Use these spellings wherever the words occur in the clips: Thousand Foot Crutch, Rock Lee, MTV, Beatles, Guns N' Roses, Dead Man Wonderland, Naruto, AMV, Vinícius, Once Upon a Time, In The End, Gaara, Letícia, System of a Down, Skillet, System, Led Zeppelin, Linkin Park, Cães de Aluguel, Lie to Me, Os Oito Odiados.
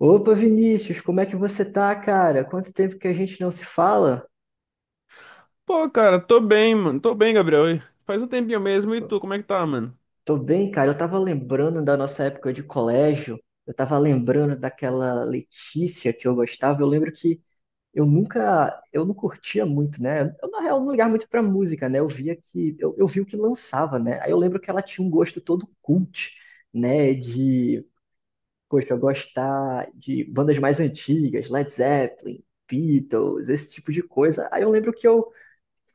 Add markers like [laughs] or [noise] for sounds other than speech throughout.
Opa, Vinícius, como é que você tá, cara? Quanto tempo que a gente não se fala? Pô, cara, tô bem, mano. Tô bem, Gabriel. E faz um tempinho mesmo. E tu, como é que tá, mano? Tô bem, cara. Eu tava lembrando da nossa época de colégio. Eu tava lembrando daquela Letícia que eu gostava. Eu lembro que eu não curtia muito, né? Eu, na real, não ligava muito pra música, né? Eu vi o que lançava, né? Aí eu lembro que ela tinha um gosto todo cult, né? De, poxa, eu gostar de bandas mais antigas, Led Zeppelin, Beatles, esse tipo de coisa. Aí eu lembro que eu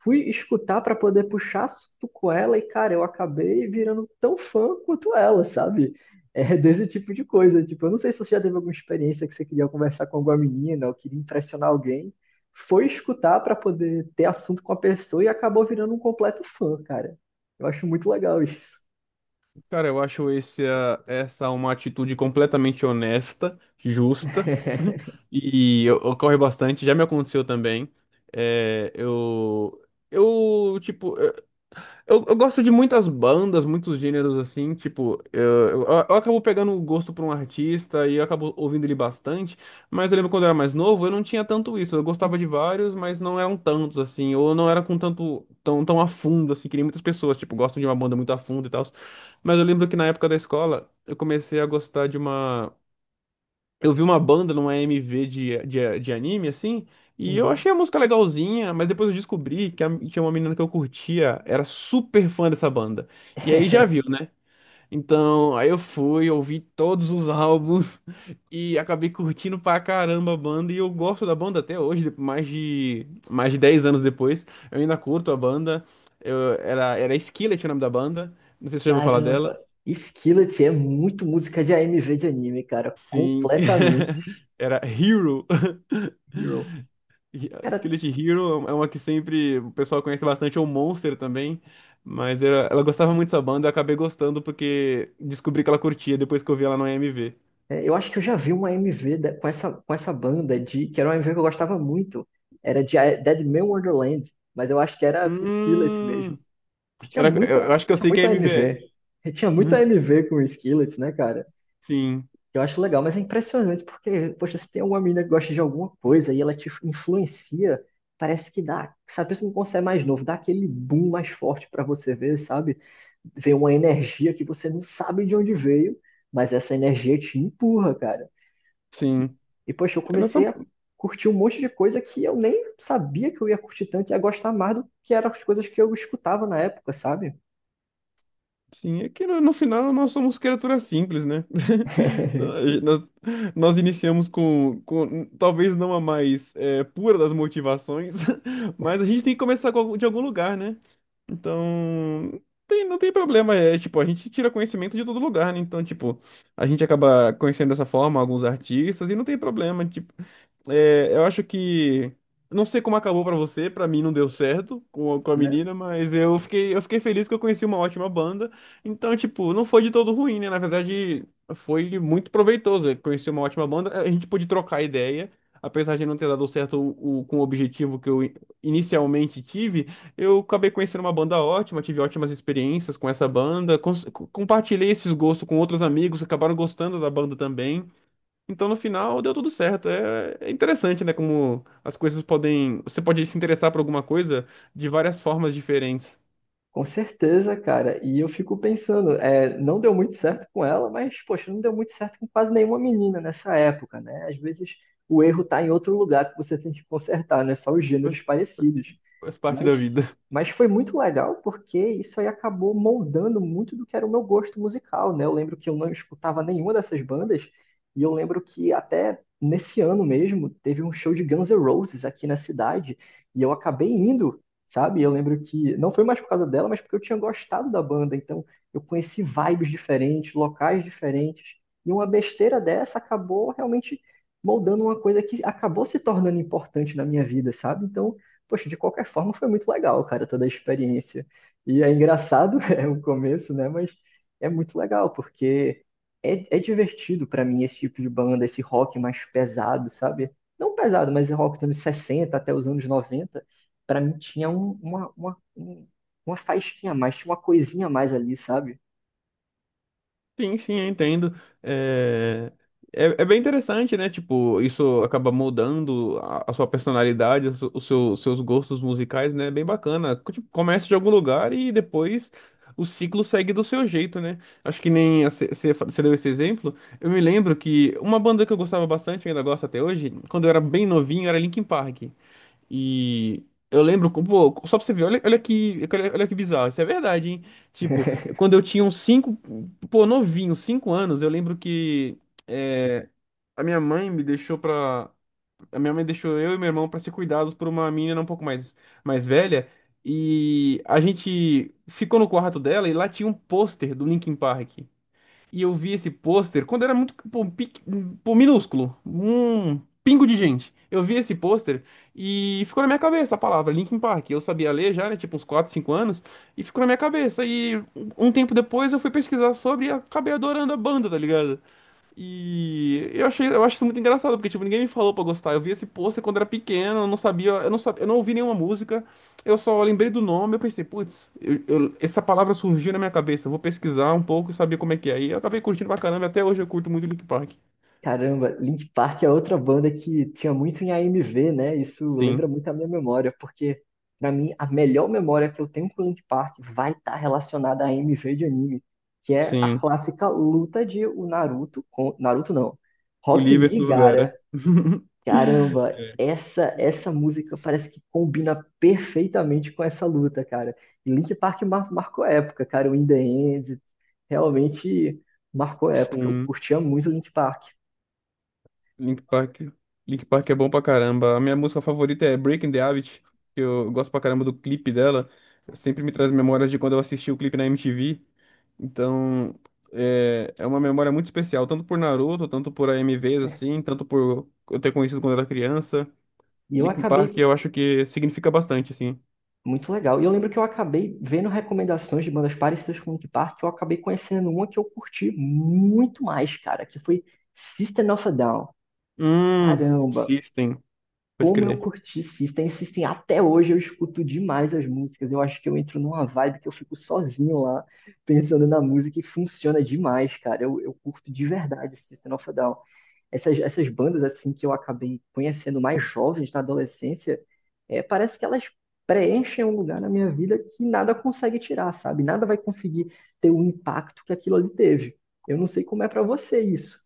fui escutar para poder puxar assunto com ela e, cara, eu acabei virando tão fã quanto ela, sabe? É desse tipo de coisa. Tipo, eu não sei se você já teve alguma experiência que você queria conversar com alguma menina ou queria impressionar alguém. Foi escutar para poder ter assunto com a pessoa e acabou virando um completo fã, cara. Eu acho muito legal isso. Cara, eu acho essa uma atitude completamente honesta, justa [laughs] [laughs] ocorre bastante. Já me aconteceu também. É, eu, eu, tipo, eu gosto de muitas bandas, muitos gêneros assim, tipo, eu acabo pegando o gosto por um artista e eu acabo ouvindo ele bastante, mas eu lembro quando eu era mais novo, eu não tinha tanto isso, eu gostava de vários, mas não eram tantos assim, ou não era com tanto, tão a fundo assim, que nem muitas pessoas, tipo, gostam de uma banda muito a fundo e tal, mas eu lembro que na época da escola, eu comecei a gostar de uma, eu vi uma banda numa MV de anime, assim, e eu Uhum. achei a música legalzinha, mas depois eu descobri tinha uma menina que eu curtia, era super fã dessa banda. E aí já viu, [laughs] né? Então, aí eu fui, ouvi todos os álbuns [laughs] e acabei curtindo pra caramba a banda. E eu gosto da banda até hoje, mais de 10 anos depois. Eu ainda curto a banda. Era Skillet o nome da banda. Não sei se você já ouviu falar dela. Caramba, Skillet é muito música de AMV de anime, cara. Sim. Completamente. [laughs] Era Hero. [laughs] Hero. Cara, Skillet Hero é uma que sempre o pessoal conhece bastante, ou Monster também. Mas ela gostava muito dessa banda, eu acabei gostando porque descobri que ela curtia depois que eu vi ela no AMV. é, eu acho que eu já vi uma com essa banda de que era uma MV que eu gostava muito. Era de Dead Man Wonderland, mas eu acho que era com Skillet Hum, mesmo. Tinha era, muita, eu, eu acho que eu tinha sei que é muita AMV MV. é. E tinha [laughs] muita Uhum. MV com Skillet, né, cara? Sim, Eu acho legal, mas é impressionante porque, poxa, se tem uma menina que gosta de alguma coisa e ela te influencia, parece que dá, sabe, mesmo quando você é mais novo, dá aquele boom mais forte pra você ver, sabe? Vem uma energia que você não sabe de onde veio, mas essa energia te empurra, cara. sim. E, poxa, eu É nossa, comecei a curtir um monte de coisa que eu nem sabia que eu ia curtir tanto e a gostar mais do que eram as coisas que eu escutava na época, sabe? sim, é que no final nós somos criaturas simples, né? [laughs] Então, a [laughs] gente- Nós, nós iniciamos com talvez não a mais pura das motivações, [laughs] mas a gente tem que começar com de algum lugar, né? Então, não tem problema, é tipo, a gente tira conhecimento de todo lugar, né? Então, tipo, a gente acaba conhecendo dessa forma alguns artistas e não tem problema, tipo, eu acho que. Não sei como acabou pra você, pra mim não deu certo com a, Né? menina, mas eu fiquei feliz que eu conheci uma ótima banda. Então, tipo, não foi de todo ruim, né? Na verdade, foi muito proveitoso. Eu conheci uma ótima banda, a gente pôde trocar ideia. Apesar de não ter dado certo o, com o objetivo que eu inicialmente tive, eu acabei conhecendo uma banda ótima, tive ótimas experiências com essa banda, compartilhei esses gostos com outros amigos, acabaram gostando da banda também. Então, no final, deu tudo certo. É interessante, né? Como as coisas podem. Você pode se interessar por alguma coisa de várias formas diferentes. Com certeza, cara. E eu fico pensando, é, não deu muito certo com ela, mas, poxa, não deu muito certo com quase nenhuma menina nessa época, né? Às vezes o erro tá em outro lugar que você tem que consertar, não é só os gêneros Faz parecidos. faz parte da Mas, vida. mas foi muito legal porque isso aí acabou moldando muito do que era o meu gosto musical, né? Eu lembro que eu não escutava nenhuma dessas bandas e eu lembro que até nesse ano mesmo teve um show de Guns N' Roses aqui na cidade e eu acabei indo, sabe? Eu lembro que não foi mais por causa dela, mas porque eu tinha gostado da banda, então eu conheci vibes diferentes, locais diferentes e uma besteira dessa acabou realmente moldando uma coisa que acabou se tornando importante na minha vida, sabe? Então, poxa, de qualquer forma foi muito legal, cara, toda a experiência. E é engraçado, [laughs] é o começo, né? Mas é muito legal, porque é divertido pra mim esse tipo de banda, esse rock mais pesado, sabe? Não pesado, mas é rock dos anos 60 até os anos noventa. Pra mim tinha uma faísquinha a mais, tinha uma coisinha a mais ali, sabe? Sim, sim, eu entendo. É... é bem interessante, né? Tipo, isso acaba moldando a sua personalidade, os seus gostos musicais, né? É bem bacana. Tipo, começa de algum lugar e depois o ciclo segue do seu jeito, né? Acho que nem você deu esse exemplo. Eu me lembro que uma banda que eu gostava bastante, ainda gosto até hoje, quando eu era bem novinho, era Linkin Park. E eu lembro, pô, só pra você ver, olha que bizarro, isso é verdade, hein? Tipo, [laughs] quando eu tinha uns 5 pô, novinho, 5 anos, eu lembro que é, a minha mãe me deixou pra. A minha mãe deixou eu e meu irmão pra ser cuidados por uma menina um pouco mais velha. E a gente ficou no quarto dela e lá tinha um pôster do Linkin Park. E eu vi esse pôster quando era muito, pô, pô, minúsculo, um pingo de gente. Eu vi esse pôster e ficou na minha cabeça a palavra Linkin Park. Eu sabia ler já, né, tipo uns 4 5 anos, e ficou na minha cabeça. E um tempo depois eu fui pesquisar sobre e acabei adorando a banda, tá ligado? E eu achei, eu acho isso muito engraçado, porque tipo, ninguém me falou pra gostar. Eu vi esse pôster quando era pequeno, eu não sabia, eu não ouvi nenhuma música. Eu só lembrei do nome, eu pensei, putz, essa palavra surgiu na minha cabeça, eu vou pesquisar um pouco e saber como é que é. E eu acabei curtindo pra caramba, e até hoje eu curto muito Linkin Park. Caramba, Linkin Park é outra banda que tinha muito em a AMV, né? Isso lembra Sim, muito a minha memória, porque pra mim a melhor memória que eu tenho com Linkin Park vai estar relacionada a AMV de anime, que é a sim. clássica luta de o Naruto com Naruto não, O Rock livro é esse Lee Gaara. lugar. [laughs] Caramba, É. essa música parece que combina perfeitamente com essa luta, cara. E Linkin Park marcou época, cara. O In The End realmente marcou época. Eu Sim. curtia muito Linkin Park. Link Park. Link Park é bom pra caramba. A minha música favorita é Breaking the Habit, que eu gosto pra caramba do clipe dela. Sempre me traz memórias de quando eu assisti o clipe na MTV. Então, é uma memória muito especial, tanto por Naruto, tanto por AMVs, assim, tanto por eu ter conhecido quando era criança. E eu Linkin Park acabei. eu acho que significa bastante, assim. Muito legal. E eu lembro que eu acabei vendo recomendações de bandas parecidas com Linkin Park, eu acabei conhecendo uma que eu curti muito mais, cara, que foi System of a Down. Hum, Caramba, System, pode como eu crer. curti System, System até hoje eu escuto demais as músicas. Eu acho que eu entro numa vibe que eu fico sozinho lá, pensando na música e funciona demais, cara. Eu curto de verdade System of a Down. Essas bandas assim que eu acabei conhecendo mais jovens na adolescência, é, parece que elas preenchem um lugar na minha vida que nada consegue tirar, sabe? Nada vai conseguir ter o impacto que aquilo ali teve. Eu não sei como é pra você isso.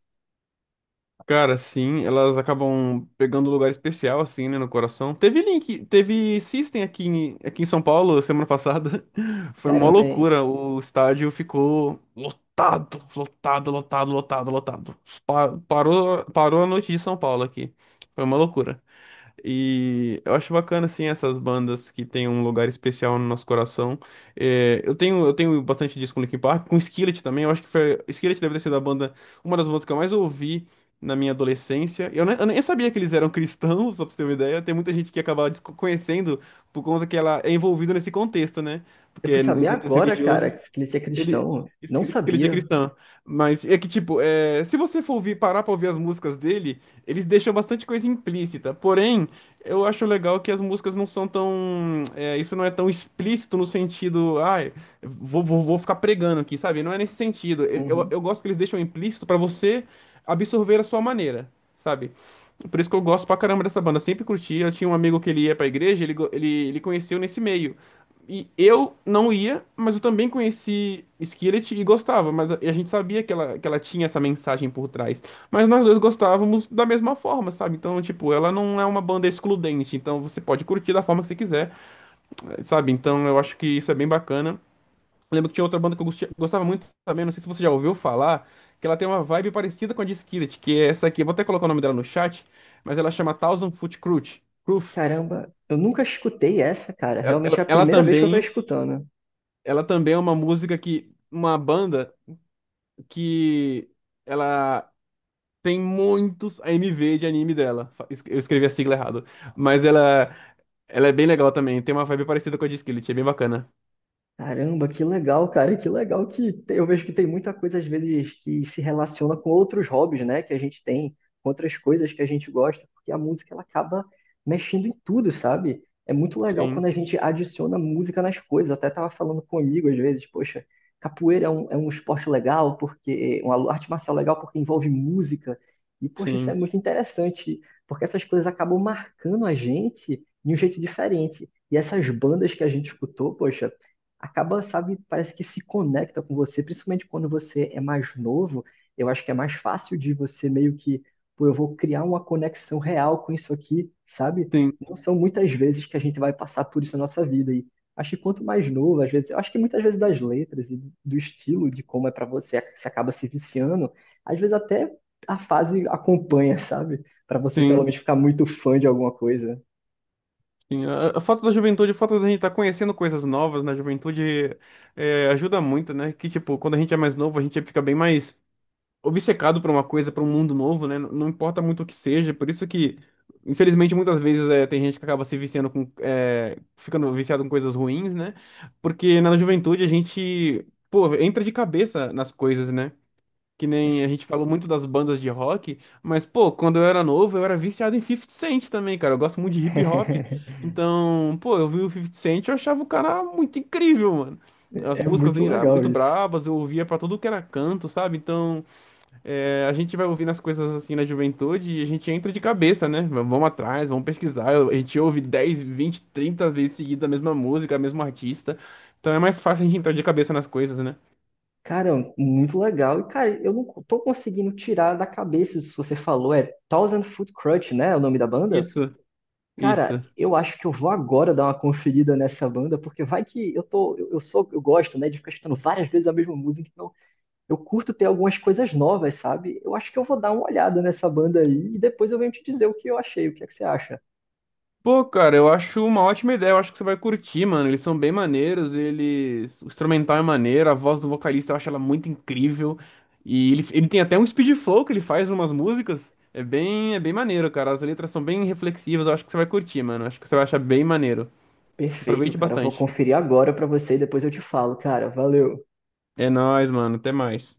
Cara, sim, elas acabam pegando lugar especial, assim, né, no coração. Teve Link, teve System aqui em São Paulo semana passada. [laughs] Foi uma Caramba, é. loucura. O estádio ficou lotado, lotado, lotado, lotado, lotado. Parou a noite de São Paulo aqui. Foi uma loucura. E eu acho bacana, assim, essas bandas que têm um lugar especial no nosso coração. É, eu tenho bastante disco com Linkin Park, com Skillet também. Eu acho que foi, Skillet deve ter sido a banda, uma das bandas que eu mais ouvi na minha adolescência. Eu nem sabia que eles eram cristãos, [laughs] só pra você ter uma ideia. Tem muita gente que acaba conhecendo por conta que ela é envolvida nesse contexto, né? Eu Porque fui é em saber contexto agora, cara, religioso. que ele é Ele. cristão. isso- Não isso que sabia. cristã. Mas é que, tipo, se você for ouvir, parar pra ouvir as músicas dele, eles deixam bastante coisa implícita. Porém, eu acho legal que as músicas não são tão. Isso não é tão explícito no sentido. Ai, vou ficar pregando aqui, sabe? Não é nesse sentido. Eu, eu Uhum. eu gosto que eles deixam implícito pra você absorver a sua maneira, sabe? Por isso que eu gosto pra caramba dessa banda. Sempre curti. Eu tinha um amigo que ele ia pra igreja, ele conheceu nesse meio. E eu não ia, mas eu também conheci Skillet e gostava, mas a gente sabia que ela, tinha essa mensagem por trás. Mas nós dois gostávamos da mesma forma, sabe? Então, tipo, ela não é uma banda excludente, então você pode curtir da forma que você quiser, sabe? Então eu acho que isso é bem bacana. Eu lembro que tinha outra banda que eu gostava muito também, não sei se você já ouviu falar, que ela tem uma vibe parecida com a de Skillet, que é essa aqui, eu vou até colocar o nome dela no chat, mas ela chama Thousand Foot Crutch. Cruf. Caramba, eu nunca escutei essa, cara. Ela, Realmente é ela a ela primeira vez que eu tô também. escutando. Ela também é uma música que, uma banda que ela tem muitos AMV de anime dela. Eu escrevi a sigla errado, mas ela é bem legal também. Tem uma vibe parecida com a de Skillet, é bem bacana. Caramba, que legal, cara, que legal que tem- eu vejo que tem muita coisa às vezes que se relaciona com outros hobbies, né, que a gente tem, com outras coisas que a gente gosta, porque a música ela acaba mexendo em tudo, sabe? É muito legal quando Sim, a gente adiciona música nas coisas. Eu até tava falando com um amigo às vezes, poxa, capoeira é é um esporte legal porque uma arte marcial legal porque envolve música. E poxa, isso é sim, muito interessante, porque essas coisas acabam marcando a gente de um jeito diferente. E essas bandas que a gente escutou, poxa, acaba, sabe, parece que se conecta com você, principalmente quando você é mais novo. Eu acho que é mais fácil de você meio que, pô, eu vou criar uma conexão real com isso aqui, sabe? sim, Não são muitas vezes que a gente vai passar por isso na nossa vida. E acho que quanto mais novo, às vezes, eu acho que muitas vezes das letras e do estilo, de como é pra você, você acaba se viciando, às vezes até a fase acompanha, sabe? Pra você pelo sim. menos ficar muito fã de alguma coisa. Sim, a foto da juventude, a foto da gente estar conhecendo coisas novas na juventude ajuda muito, né? Que, tipo, quando a gente é mais novo, a gente fica bem mais obcecado por uma coisa, por um mundo novo, né? Não importa muito o que seja, por isso que, infelizmente, muitas vezes tem gente que acaba se viciando com, ficando viciado com coisas ruins, né? Porque na juventude a gente, pô, entra de cabeça nas coisas, né? Que nem a gente falou muito das bandas de rock, mas, pô, quando eu era novo, eu era viciado em 50 Cent também, cara. Eu gosto muito de hip hop. [laughs] Então, pô, eu vi o 50 Cent e eu achava o cara muito incrível, mano. As É músicas muito assim, legal muito isso. bravas eu ouvia pra tudo que era canto, sabe? Então, a gente vai ouvindo as coisas assim na juventude e a gente entra de cabeça, né? Vamos atrás, vamos pesquisar. A gente ouve 10 20 30 vezes seguida a mesma música, o mesmo artista. Então é mais fácil a gente entrar de cabeça nas coisas, né? Cara, muito legal. E, cara, eu não tô conseguindo tirar da cabeça isso que você falou. É Thousand Foot Crutch, né? É o nome da banda? Isso, Cara, isso. eu acho que eu vou agora dar uma conferida nessa banda, porque vai que eu tô, eu gosto, né, de ficar escutando várias vezes a mesma música, então eu curto ter algumas coisas novas, sabe? Eu acho que eu vou dar uma olhada nessa banda aí e depois eu venho te dizer o que eu achei, o que é que você acha? Pô, cara, eu acho uma ótima ideia. Eu acho que você vai curtir, mano. Eles são bem maneiros, eles. O instrumental é maneiro, a voz do vocalista eu acho ela muito incrível. E ele tem até um speed flow que ele faz em umas músicas. É bem maneiro, cara. As letras são bem reflexivas. Eu acho que você vai curtir, mano. Eu acho que você vai achar bem maneiro. Perfeito, Aproveite cara, eu vou bastante. conferir agora pra você e depois eu te falo, cara. Valeu. É nóis, mano. Até mais.